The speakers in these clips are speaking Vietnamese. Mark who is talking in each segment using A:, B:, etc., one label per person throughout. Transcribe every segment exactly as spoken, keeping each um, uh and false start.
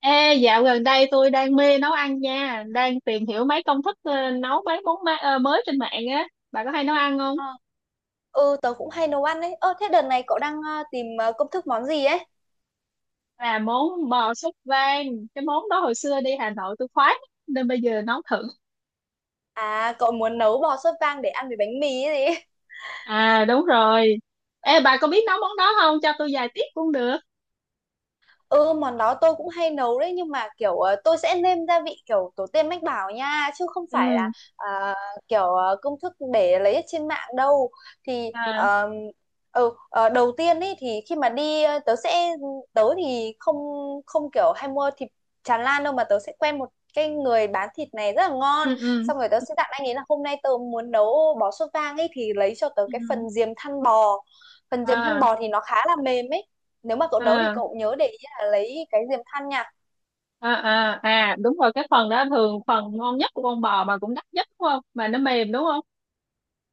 A: Ê, dạo gần đây tôi đang mê nấu ăn nha, đang tìm hiểu mấy công thức ờ, nấu mấy món ma- ờ, mới trên mạng á. Bà có hay nấu ăn không?
B: Ờ, ừ tớ cũng hay nấu ăn đấy. Ơ, thế đợt này cậu đang ờ, tìm ờ, công thức món gì ấy?
A: Là món bò súp vang, cái món đó hồi xưa đi Hà Nội tôi khoái lắm, nên bây giờ nấu thử.
B: À cậu muốn nấu bò sốt vang để ăn với bánh mì ấy gì
A: À đúng rồi. Ê bà có biết nấu món đó không? Cho tôi vài tips cũng được.
B: Ừ, món đó tôi cũng hay nấu đấy, nhưng mà kiểu ờ, tôi sẽ nêm gia vị kiểu tổ tiên mách bảo nha, chứ không phải
A: Ừ.
B: là à, kiểu ờ, công thức để lấy ở trên mạng đâu. Thì
A: À,
B: ờ, ừ, ờ, Đầu tiên ấy thì khi mà đi ờ, tớ sẽ, tớ thì không không kiểu hay mua thịt tràn lan đâu, mà tớ sẽ quen một cái người bán thịt này rất là ngon.
A: ừ, ừ.
B: Xong rồi tớ sẽ dặn anh ấy là hôm nay tớ muốn nấu bò sốt vang ấy, thì lấy cho tớ
A: Ừ,
B: cái
A: ừ.
B: phần diềm thăn bò. Phần diềm thăn
A: À,
B: bò thì nó khá là mềm ấy, nếu mà cậu nấu thì
A: à,
B: cậu nhớ để là lấy cái diềm than nha.
A: à, à, à đúng rồi, cái phần đó thường phần ngon nhất của con bò mà cũng đắt nhất đúng không? Mà nó mềm đúng không?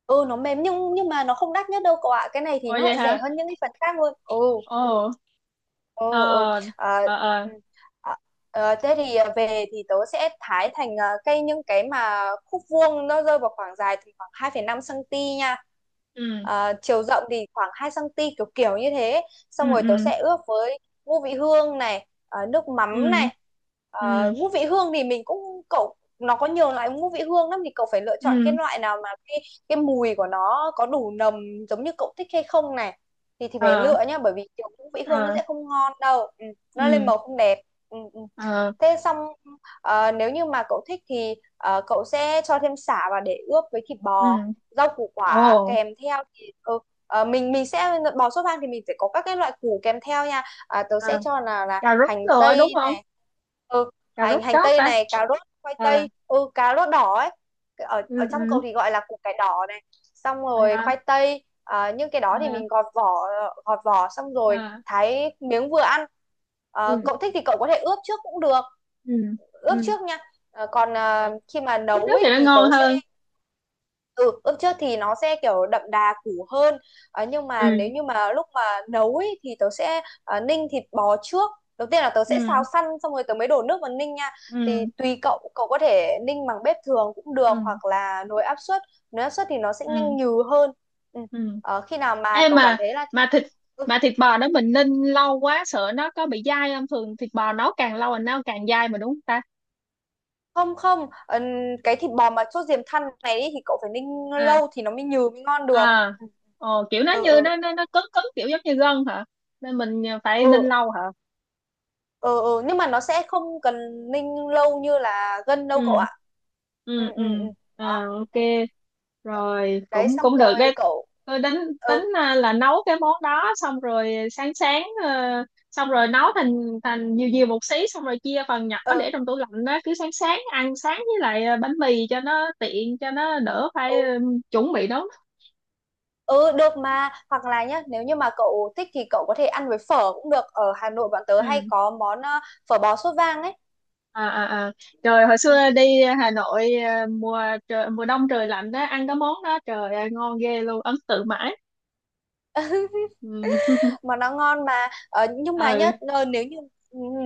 B: Ừ, nó mềm nhưng nhưng mà nó không đắt nhất đâu cậu ạ. Cái này thì
A: Ôi
B: nó
A: vậy
B: lại rẻ
A: hả?
B: hơn những cái phần khác luôn. Ừ.
A: Ồ. Ờ,
B: Ồ, ồ. À,
A: ờ, ờ,
B: ừ. à, ờ, thế thì à, về thì tớ sẽ thái thành à, cây, những cái mà khúc vuông nó rơi vào khoảng dài thì khoảng hai phẩy năm cm nha.
A: ừ,
B: À, chiều rộng thì khoảng hai xăng ti mét, kiểu kiểu như thế. Xong
A: ừ,
B: rồi tớ
A: ừ,
B: sẽ ướp với ngũ vị hương này, à, nước mắm
A: ừ,
B: này.
A: ừ,
B: À, ngũ vị hương thì mình cũng cậu nó có nhiều loại ngũ vị hương lắm, thì cậu phải lựa chọn cái
A: ừ,
B: loại nào mà cái cái mùi của nó có đủ nồng giống như cậu thích hay không này, thì thì phải
A: ờ,
B: lựa nhá, bởi vì kiểu ngũ vị hương nó
A: ờ,
B: sẽ không ngon đâu. Ừ, nó lên
A: ừ,
B: màu không đẹp. Ừ, ừ.
A: ờ,
B: Thế xong, ờ, nếu như mà cậu thích thì ờ, cậu sẽ cho thêm sả vào để ướp với thịt bò.
A: ừ,
B: Rau củ
A: ồ,
B: quả kèm theo thì ừ, ờ, mình mình sẽ, bò sốt vang thì mình sẽ có các cái loại củ kèm theo nha. À, tớ sẽ
A: ờ.
B: cho là là
A: Cà rốt
B: hành
A: nữa đúng
B: tây
A: không?
B: này. ừ,
A: Cà rốt
B: hành hành
A: chóp
B: tây
A: ta.
B: này, cà rốt, khoai
A: À,
B: tây, ừ cà rốt đỏ ấy, ở ở
A: ừ,
B: trong
A: ừ,
B: cậu thì gọi là củ cải đỏ này, xong rồi
A: à,
B: khoai tây. À, nhưng cái đó thì
A: à,
B: mình gọt vỏ, gọt vỏ xong rồi
A: à,
B: thái miếng vừa ăn. Ờ,
A: ừ,
B: cậu thích thì cậu có thể ướp trước cũng được,
A: ừ, ừ,
B: ướp trước nha. Ờ, còn à,
A: à.
B: khi mà
A: Lúc trước
B: nấu
A: thì
B: ấy
A: nó
B: thì
A: ngon
B: tớ sẽ,
A: hơn.
B: ừ, ướp trước thì nó sẽ kiểu đậm đà củ hơn. Ờ, nhưng
A: Ừ,
B: mà nếu như mà lúc mà nấu ấy thì tớ sẽ à, ninh thịt bò trước. Đầu tiên là tớ sẽ xào
A: ừ,
B: săn, xong rồi tớ mới đổ nước vào ninh nha. Thì
A: ừ,
B: tùy cậu cậu có thể ninh bằng bếp thường cũng được,
A: ừ,
B: hoặc là nồi áp suất. Nếu áp suất thì nó sẽ nhanh
A: ừ,
B: nhừ hơn. Ừ.
A: ừ.
B: Ờ, khi nào mà
A: em
B: cậu cảm
A: mà
B: thấy là thịt,
A: mà thịt
B: ừ,
A: mà thịt bò đó mình ninh lâu quá sợ nó có bị dai không, thường thịt bò nấu càng lâu là nó càng dai mà đúng không ta?
B: không không, ờ, cái thịt bò mà sốt diềm thăn này ý, thì cậu phải ninh
A: Ờ.
B: lâu thì nó mới nhừ, mới ngon được.
A: À, ờ, kiểu nó
B: Ừ,
A: như
B: ừ,
A: nó nó nó cứng cứng, kiểu giống như gân hả, nên mình phải ninh
B: ừ,
A: lâu hả?
B: ừ, ừ, ừ. Nhưng mà nó sẽ không cần ninh lâu như là gân đâu
A: Ừ,
B: cậu ạ. Ừ,
A: ừ, ừ,
B: ừ, ừ.
A: à,
B: Đó.
A: ok.
B: Ừ.
A: Rồi
B: Đấy
A: cũng
B: xong
A: cũng được
B: rồi
A: đấy.
B: cậu,
A: Tôi tính tính
B: ừ,
A: à, là nấu cái món đó, xong rồi sáng sáng ờ, xong rồi nấu thành thành nhiều nhiều một xí, xong rồi chia phần nhỏ
B: ừ,
A: để trong tủ lạnh đó, cứ sáng sáng ăn sáng với lại à, bánh mì cho nó tiện, cho nó đỡ
B: ừ,
A: phải ừ, chuẩn bị nấu.
B: ừ, được mà. Hoặc là nhá, nếu như mà cậu thích thì cậu có thể ăn với phở cũng được. Ở Hà Nội bọn tớ hay
A: Ừ,
B: có món ờ, phở bò sốt vang ấy.
A: à, à, à. Trời, hồi
B: Ừ,
A: xưa
B: ừ.
A: đi Hà Nội à, mùa trời, mùa đông trời lạnh đó, ăn cái món đó trời ơi, ngon ghê luôn, ấn tượng mãi. Ừ,
B: Mà nó ngon mà. Ờ, nhưng mà
A: ừ,
B: nhá, ờ, nếu như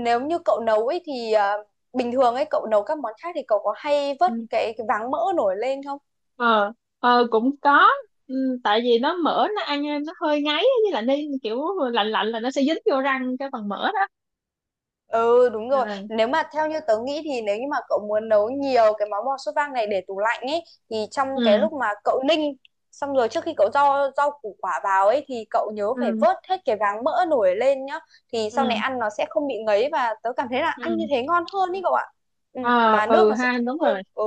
B: nếu như cậu nấu ấy thì, ờ, bình thường ấy cậu nấu các món khác thì cậu có hay vớt
A: ừ.
B: cái, cái váng mỡ nổi lên không?
A: Ờ, ờ, cũng có. Ừ, tại vì nó mỡ nó ăn nó hơi ngấy với lại, nên kiểu lạnh lạnh là nó sẽ dính vô răng cái phần mỡ đó.
B: Ừ, đúng rồi.
A: À,
B: Nếu mà theo như tớ nghĩ thì nếu như mà cậu muốn nấu nhiều cái món bò sốt vang này để tủ lạnh ấy, thì trong cái
A: ừ,
B: lúc mà cậu ninh xong rồi, trước khi cậu rau rau củ quả vào ấy, thì cậu nhớ phải
A: ừ,
B: vớt hết cái váng mỡ nổi lên nhá. Thì sau này
A: ừ,
B: ăn nó sẽ không bị ngấy. Và tớ cảm thấy là ăn như
A: ừ,
B: thế ngon hơn ý cậu ạ. Ừ,
A: ờ,
B: mà nước
A: ừ
B: nó sẽ
A: ha,
B: trong
A: đúng
B: hơn.
A: rồi.
B: Ừ,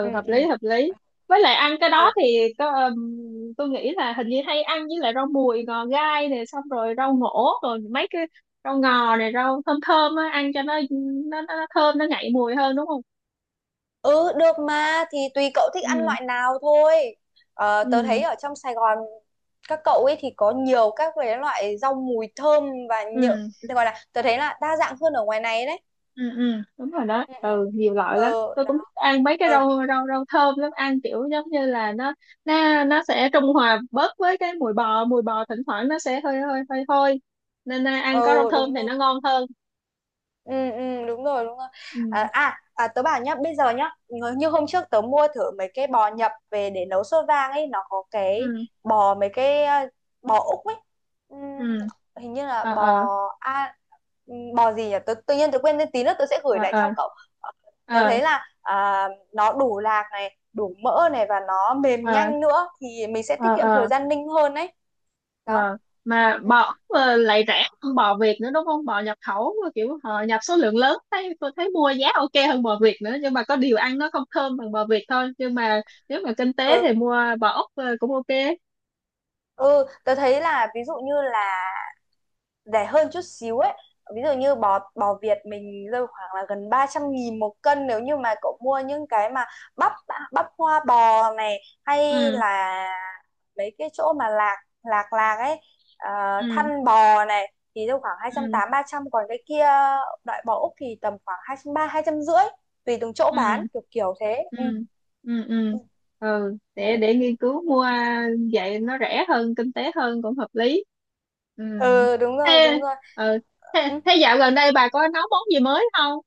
B: ừ,
A: hợp
B: ừ,
A: lý hợp lý. Với lại ăn cái đó
B: ừ.
A: thì có ừm, tôi nghĩ là hình như hay ăn với lại rau mùi ngò gai này, xong rồi rau ngổ, rồi mấy cái rau ngò này, rau thơm thơm á, ăn cho nó nó, nó nó thơm, nó ngậy mùi hơn đúng không?
B: Ừ, được mà, thì tùy cậu thích ăn
A: Ừ,
B: loại nào thôi. Ờ, tớ thấy
A: ừ,
B: ở trong Sài Gòn các cậu ấy thì có nhiều các cái loại rau mùi thơm và
A: ừ,
B: nhựa, tớ gọi là tớ thấy là đa dạng hơn ở ngoài này đấy.
A: ừ, ừ, đúng rồi đó,
B: Ừ, ừ.
A: ừ, nhiều loại lắm,
B: Ừ,
A: tôi cũng thích
B: đó.
A: ăn mấy cái
B: Ừ,
A: rau rau rau thơm lắm, ăn kiểu giống như là nó nó nó sẽ trung hòa bớt với cái mùi bò mùi bò thỉnh thoảng nó sẽ hơi hơi hơi hôi, nên à, ăn có rau
B: ừ,
A: thơm
B: đúng
A: thì
B: rồi.
A: nó ngon hơn
B: Ừ, ừ, đúng rồi, đúng rồi.
A: Ừ,
B: À, à, à tớ bảo nhá, bây giờ nhá, ngờ- như hôm trước tớ mua thử mấy cái bò nhập về để nấu sốt vang ấy, nó có cái
A: ừ,
B: bò mấy cái à, bò Úc ấy.
A: ừ,
B: Ừm, Hình như là
A: ờ,
B: bò,
A: ờ,
B: a ừm, bò gì nhỉ, tớ, tự nhiên tớ quên tên, tí nữa tớ sẽ gửi
A: ờ,
B: lại cho
A: ờ,
B: cậu. Ờ, tớ
A: ờ,
B: thấy là à, nó đủ lạc này, đủ mỡ này, và nó mềm
A: ờ,
B: nhanh nữa, thì mình sẽ tiết
A: ờ,
B: kiệm thời
A: ờ.
B: gian ninh hơn đấy. Đó.
A: Ờ, mà
B: Ừ,
A: bò ờ, lại rẻ hơn bò Việt nữa đúng không? Bò nhập khẩu mà kiểu ờ, nhập số lượng lớn, thấy tôi thấy mua giá ok hơn bò Việt nữa, nhưng mà có điều ăn nó không thơm bằng bò Việt thôi, nhưng mà nếu mà kinh tế
B: ừ.
A: thì mua bò Úc ờ, cũng ok.
B: Ừ, tớ thấy là ví dụ như là rẻ hơn chút xíu ấy. Ví dụ như bò bò Việt mình rơi khoảng là gần ba trăm nghìn một cân, nếu như mà cậu mua những cái mà bắp bắp hoa bò này, hay
A: Ừ,
B: là mấy cái chỗ mà lạc lạc lạc ấy, ờ,
A: ừ,
B: thăn bò này, thì rơi khoảng hai trăm
A: ừ,
B: tám mươi ba trăm. Còn cái kia, loại bò Úc thì tầm khoảng hai hai trăm ba mươi, hai trăm rưỡi, tùy từng chỗ bán,
A: ừ,
B: kiểu kiểu thế.
A: ừ,
B: Ừ.
A: ừ, ừ,
B: Ừ,
A: ừ, để
B: đấy.
A: để nghiên cứu mua. Vậy nó rẻ hơn kinh tế hơn cũng hợp lý. Ừ.
B: Ừ, đúng rồi,
A: Thế,
B: đúng rồi.
A: ờ, thế,
B: Ừ.
A: thế dạo gần đây bà có nấu món gì mới không?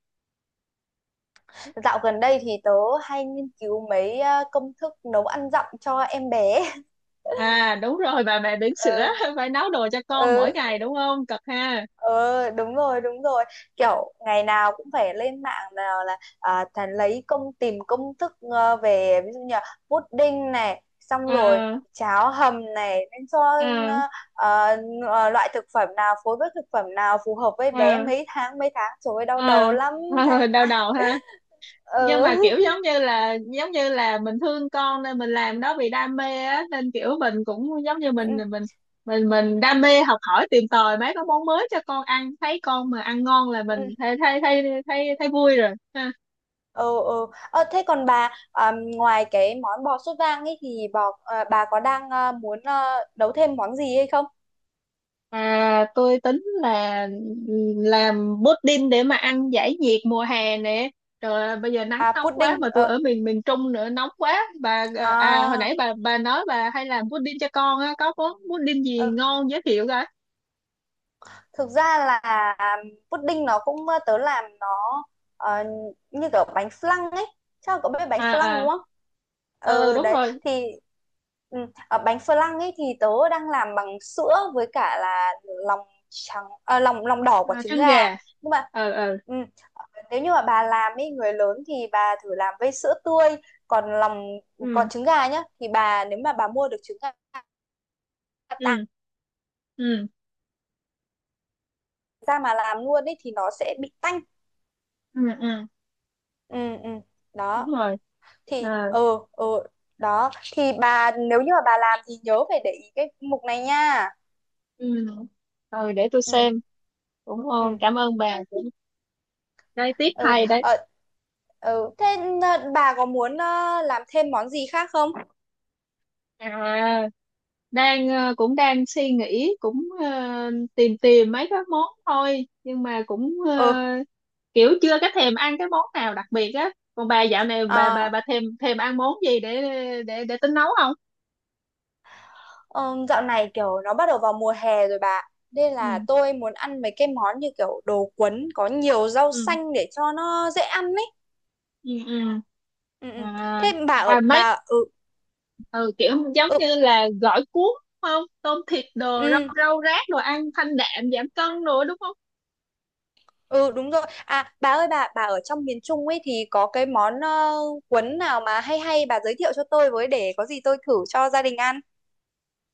B: Dạo gần đây thì tớ hay nghiên cứu mấy ờ, công thức nấu ăn dặm cho em bé.
A: À đúng rồi, bà mẹ bỉm sữa
B: Ờ,
A: phải nấu đồ cho con
B: ừ,
A: mỗi ngày đúng không, cực ha?
B: ừ, đúng rồi, đúng rồi. Kiểu ngày nào cũng phải lên mạng, nào là à, thà lấy công tìm công thức ờ, về ví dụ như là pudding này, xong rồi
A: À,
B: cháo hầm này, nên cho
A: à,
B: ờ, ờ, ờ, loại thực phẩm nào phối với thực phẩm nào phù hợp với bé
A: à,
B: mấy tháng, mấy tháng, trời ơi đau đầu
A: à,
B: lắm. Thầy.
A: à, đau đầu ha.
B: Ừ.
A: Nhưng mà kiểu giống như là giống như là mình thương con nên mình làm đó vì đam mê á, nên kiểu mình cũng giống như mình mình mình mình đam mê học hỏi tìm tòi mấy cái món mới cho con ăn, thấy con mà ăn ngon là mình thấy thấy thấy thấy, thấy vui rồi.
B: Ừ, ừ. ờ, Thế còn bà, à, ngoài cái món bò sốt vang ấy thì bò à, bà có đang à, muốn à, nấu thêm món gì hay không?
A: À, tôi tính là ừ, làm pudding để mà ăn giải nhiệt mùa hè nè. Trời ơi, bây giờ nắng
B: À
A: nóng quá,
B: pudding
A: mà
B: ờ
A: tôi ở miền miền Trung nữa, nóng quá. Bà à à, hồi
B: à,
A: nãy bà bà nói bà hay làm pudding cho con á, có món pudding gì
B: ờ.
A: ngon giới thiệu coi.
B: Thực ra là pudding nó cũng, tớ làm nó ờ, như kiểu bánh flan ấy. Chắc là cậu biết bánh
A: À,
B: flan
A: à.
B: đúng không?
A: Ờ
B: Ừ
A: đúng
B: đấy.
A: rồi.
B: Thì ừ, ở bánh flan ấy thì tớ đang làm bằng sữa với cả là lòng trắng, à, lòng lòng đỏ của
A: À,
B: trứng
A: trứng
B: gà.
A: gà.
B: Nhưng mà
A: Ờ, ờ.
B: ừ, nếu như mà bà làm ấy, người lớn, thì bà thử làm với sữa tươi. Còn lòng,
A: Ừ,
B: còn trứng gà nhá, thì bà, nếu mà bà mua được trứng gà tạo
A: ừ, ừ,
B: ra mà làm luôn ấy thì nó sẽ bị tanh.
A: ừ, ừ,
B: Ừ, ừ.
A: đúng
B: Đó
A: rồi.
B: thì
A: À,
B: ừ, ừ. Đó thì bà, nếu như mà bà làm thì nhớ phải để ý cái mục này nha.
A: ừ. Rồi để tôi
B: Ừ,
A: xem. Cũng
B: ừ,
A: ngon, cảm ơn bà. Cũng- Đây tiếp
B: ừ.
A: hay đấy.
B: ờ, ừ thế, ờ, bà có muốn ờ, làm thêm món gì khác không?
A: À, đang ờ, cũng đang suy nghĩ, cũng ờ, tìm tìm mấy cái món thôi, nhưng mà cũng ờ,
B: Ừ.
A: kiểu chưa có thèm ăn cái món nào đặc biệt á, còn bà dạo này bà bà
B: à,
A: bà thèm thèm ăn món gì để để để tính nấu không?
B: ờ, Dạo này kiểu nó bắt đầu vào mùa hè rồi bà, nên là
A: Ừ,
B: tôi muốn ăn mấy cái món như kiểu đồ cuốn có nhiều rau
A: ừ,
B: xanh để cho nó dễ ăn ấy.
A: ừ, ừ,
B: Ừ, ừ.
A: à,
B: Thế bà ở
A: à mấy
B: bà, ừ,
A: ừ, kiểu giống
B: ừ,
A: như là gỏi cuốn đúng không, tôm thịt đồ rau
B: ừ.
A: rau rác, đồ ăn thanh đạm giảm cân đồ đúng không?
B: Ừ, đúng rồi. À bà ơi, bà bà ở trong miền Trung ấy thì có cái món ờ, cuốn nào mà hay hay bà giới thiệu cho tôi với, để có gì tôi thử cho gia đình ăn.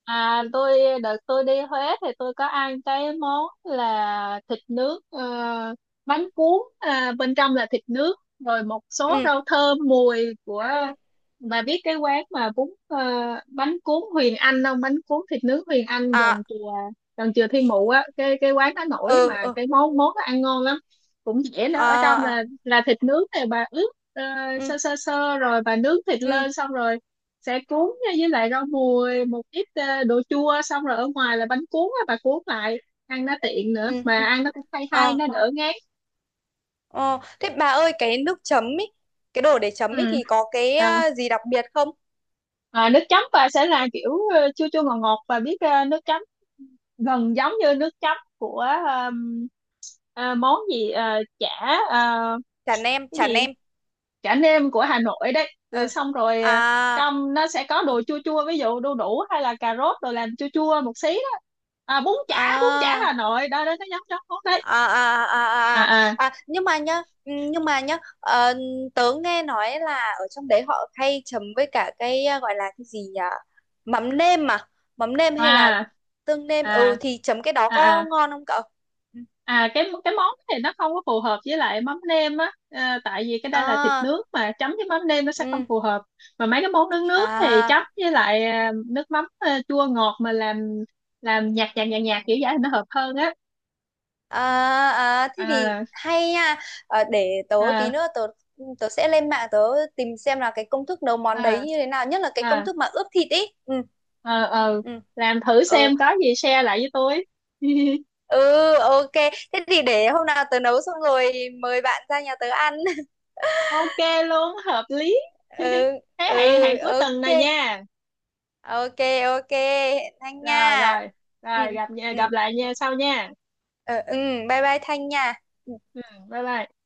A: À, tôi đợt tôi đi Huế thì tôi có ăn cái món là thịt nướng ờ, bánh cuốn à, bên trong là thịt nướng rồi một số
B: Ừ.
A: rau thơm mùi của, bà biết cái quán mà bún ờ, bánh cuốn Huyền Anh không, bánh cuốn thịt nướng Huyền Anh gần
B: À,
A: chùa gần chùa Thiên Mụ á, cái cái quán đó nổi
B: ừ,
A: mà
B: ừ,
A: cái món món đó ăn ngon lắm, cũng dễ nữa, ở trong
B: à, à,
A: là là thịt nướng thì bà ướp ờ,
B: ừ,
A: sơ sơ sơ rồi bà nướng thịt
B: ừ,
A: lên, xong rồi sẽ cuốn nha, với lại rau mùi, một ít ờ, đồ chua, xong rồi ở ngoài là bánh cuốn á, bà cuốn lại, ăn nó tiện nữa
B: ừ,
A: mà
B: ừ.
A: ăn nó cũng hay hay,
B: Ờ,
A: nó đỡ ngán.
B: ờ. Thế bà ơi, cái nước chấm ấy, cái đồ để chấm ấy
A: Ừ.
B: thì có cái
A: À,
B: ờ, gì đặc biệt không?
A: à, nước chấm bà sẽ là kiểu ờ, chua chua ngọt ngọt, bà biết ờ, nước chấm gần giống như nước chấm của ờm, ờ, món gì, ờ, chả, ờ,
B: Chả nem,
A: cái
B: chả
A: gì,
B: nem.
A: chả nêm của Hà Nội đấy, rồi
B: Ờ.
A: xong rồi ờ,
B: À,
A: trong nó sẽ có
B: ờ,
A: đồ chua chua, ví dụ đu đủ hay là cà rốt rồi làm chua chua một xí đó, à, bún chả bún chả
B: à
A: Hà Nội đó, đó nó giống giống món đó.
B: à, à, à, à.
A: À,
B: À nhưng mà nhá, ừ, nhưng mà nhá, ờ, tớ nghe nói là ở trong đấy họ hay chấm với cả cái à, gọi là cái gì nhỉ, mắm nêm mà, mắm nêm hay là
A: à,
B: tương nêm,
A: à,
B: ừ, thì chấm cái
A: à,
B: đó
A: à,
B: có
A: à,
B: ngon không cậu? Ừ.
A: à, cái cái món thì nó không có phù hợp với lại mắm nêm á. Ờ, tại vì cái đây là thịt
B: À,
A: nướng mà chấm với mắm nêm nó sẽ không
B: ừ,
A: phù hợp, mà mấy cái món nướng nướng thì
B: à,
A: chấm với lại à, nước mắm à, chua ngọt mà làm làm nhạt nhạt nhạt nhạt kiểu vậy thì nó hợp hơn á.
B: à. À thế thì
A: À,
B: hay nha. Ờ, để tớ tí
A: à,
B: nữa tớ, tớ sẽ lên mạng, tớ tìm xem là cái công thức nấu món
A: à,
B: đấy như thế nào, nhất là cái công
A: à,
B: thức mà ướp thịt ý. Ừ,
A: ờ, ờ.
B: ừ,
A: Làm thử xem
B: ừ,
A: có gì share lại với tôi.
B: ừ, ok. Thế thì để hôm nào tớ nấu xong rồi mời bạn ra nhà tớ ăn.
A: Ok, luôn hợp lý.
B: Ừ,
A: Thế hẹn
B: ừ.
A: hẹn cuối tuần
B: Ok,
A: này nha.
B: ok, ok. Thanh nha.
A: Rồi, rồi,
B: Ừ,
A: rồi, gặp nha
B: ừ,
A: gặp lại
B: ừ,
A: nha, sau nha.
B: ừ, ừ, bye bye Thanh nha. Ừ.
A: Ừ, bye bye.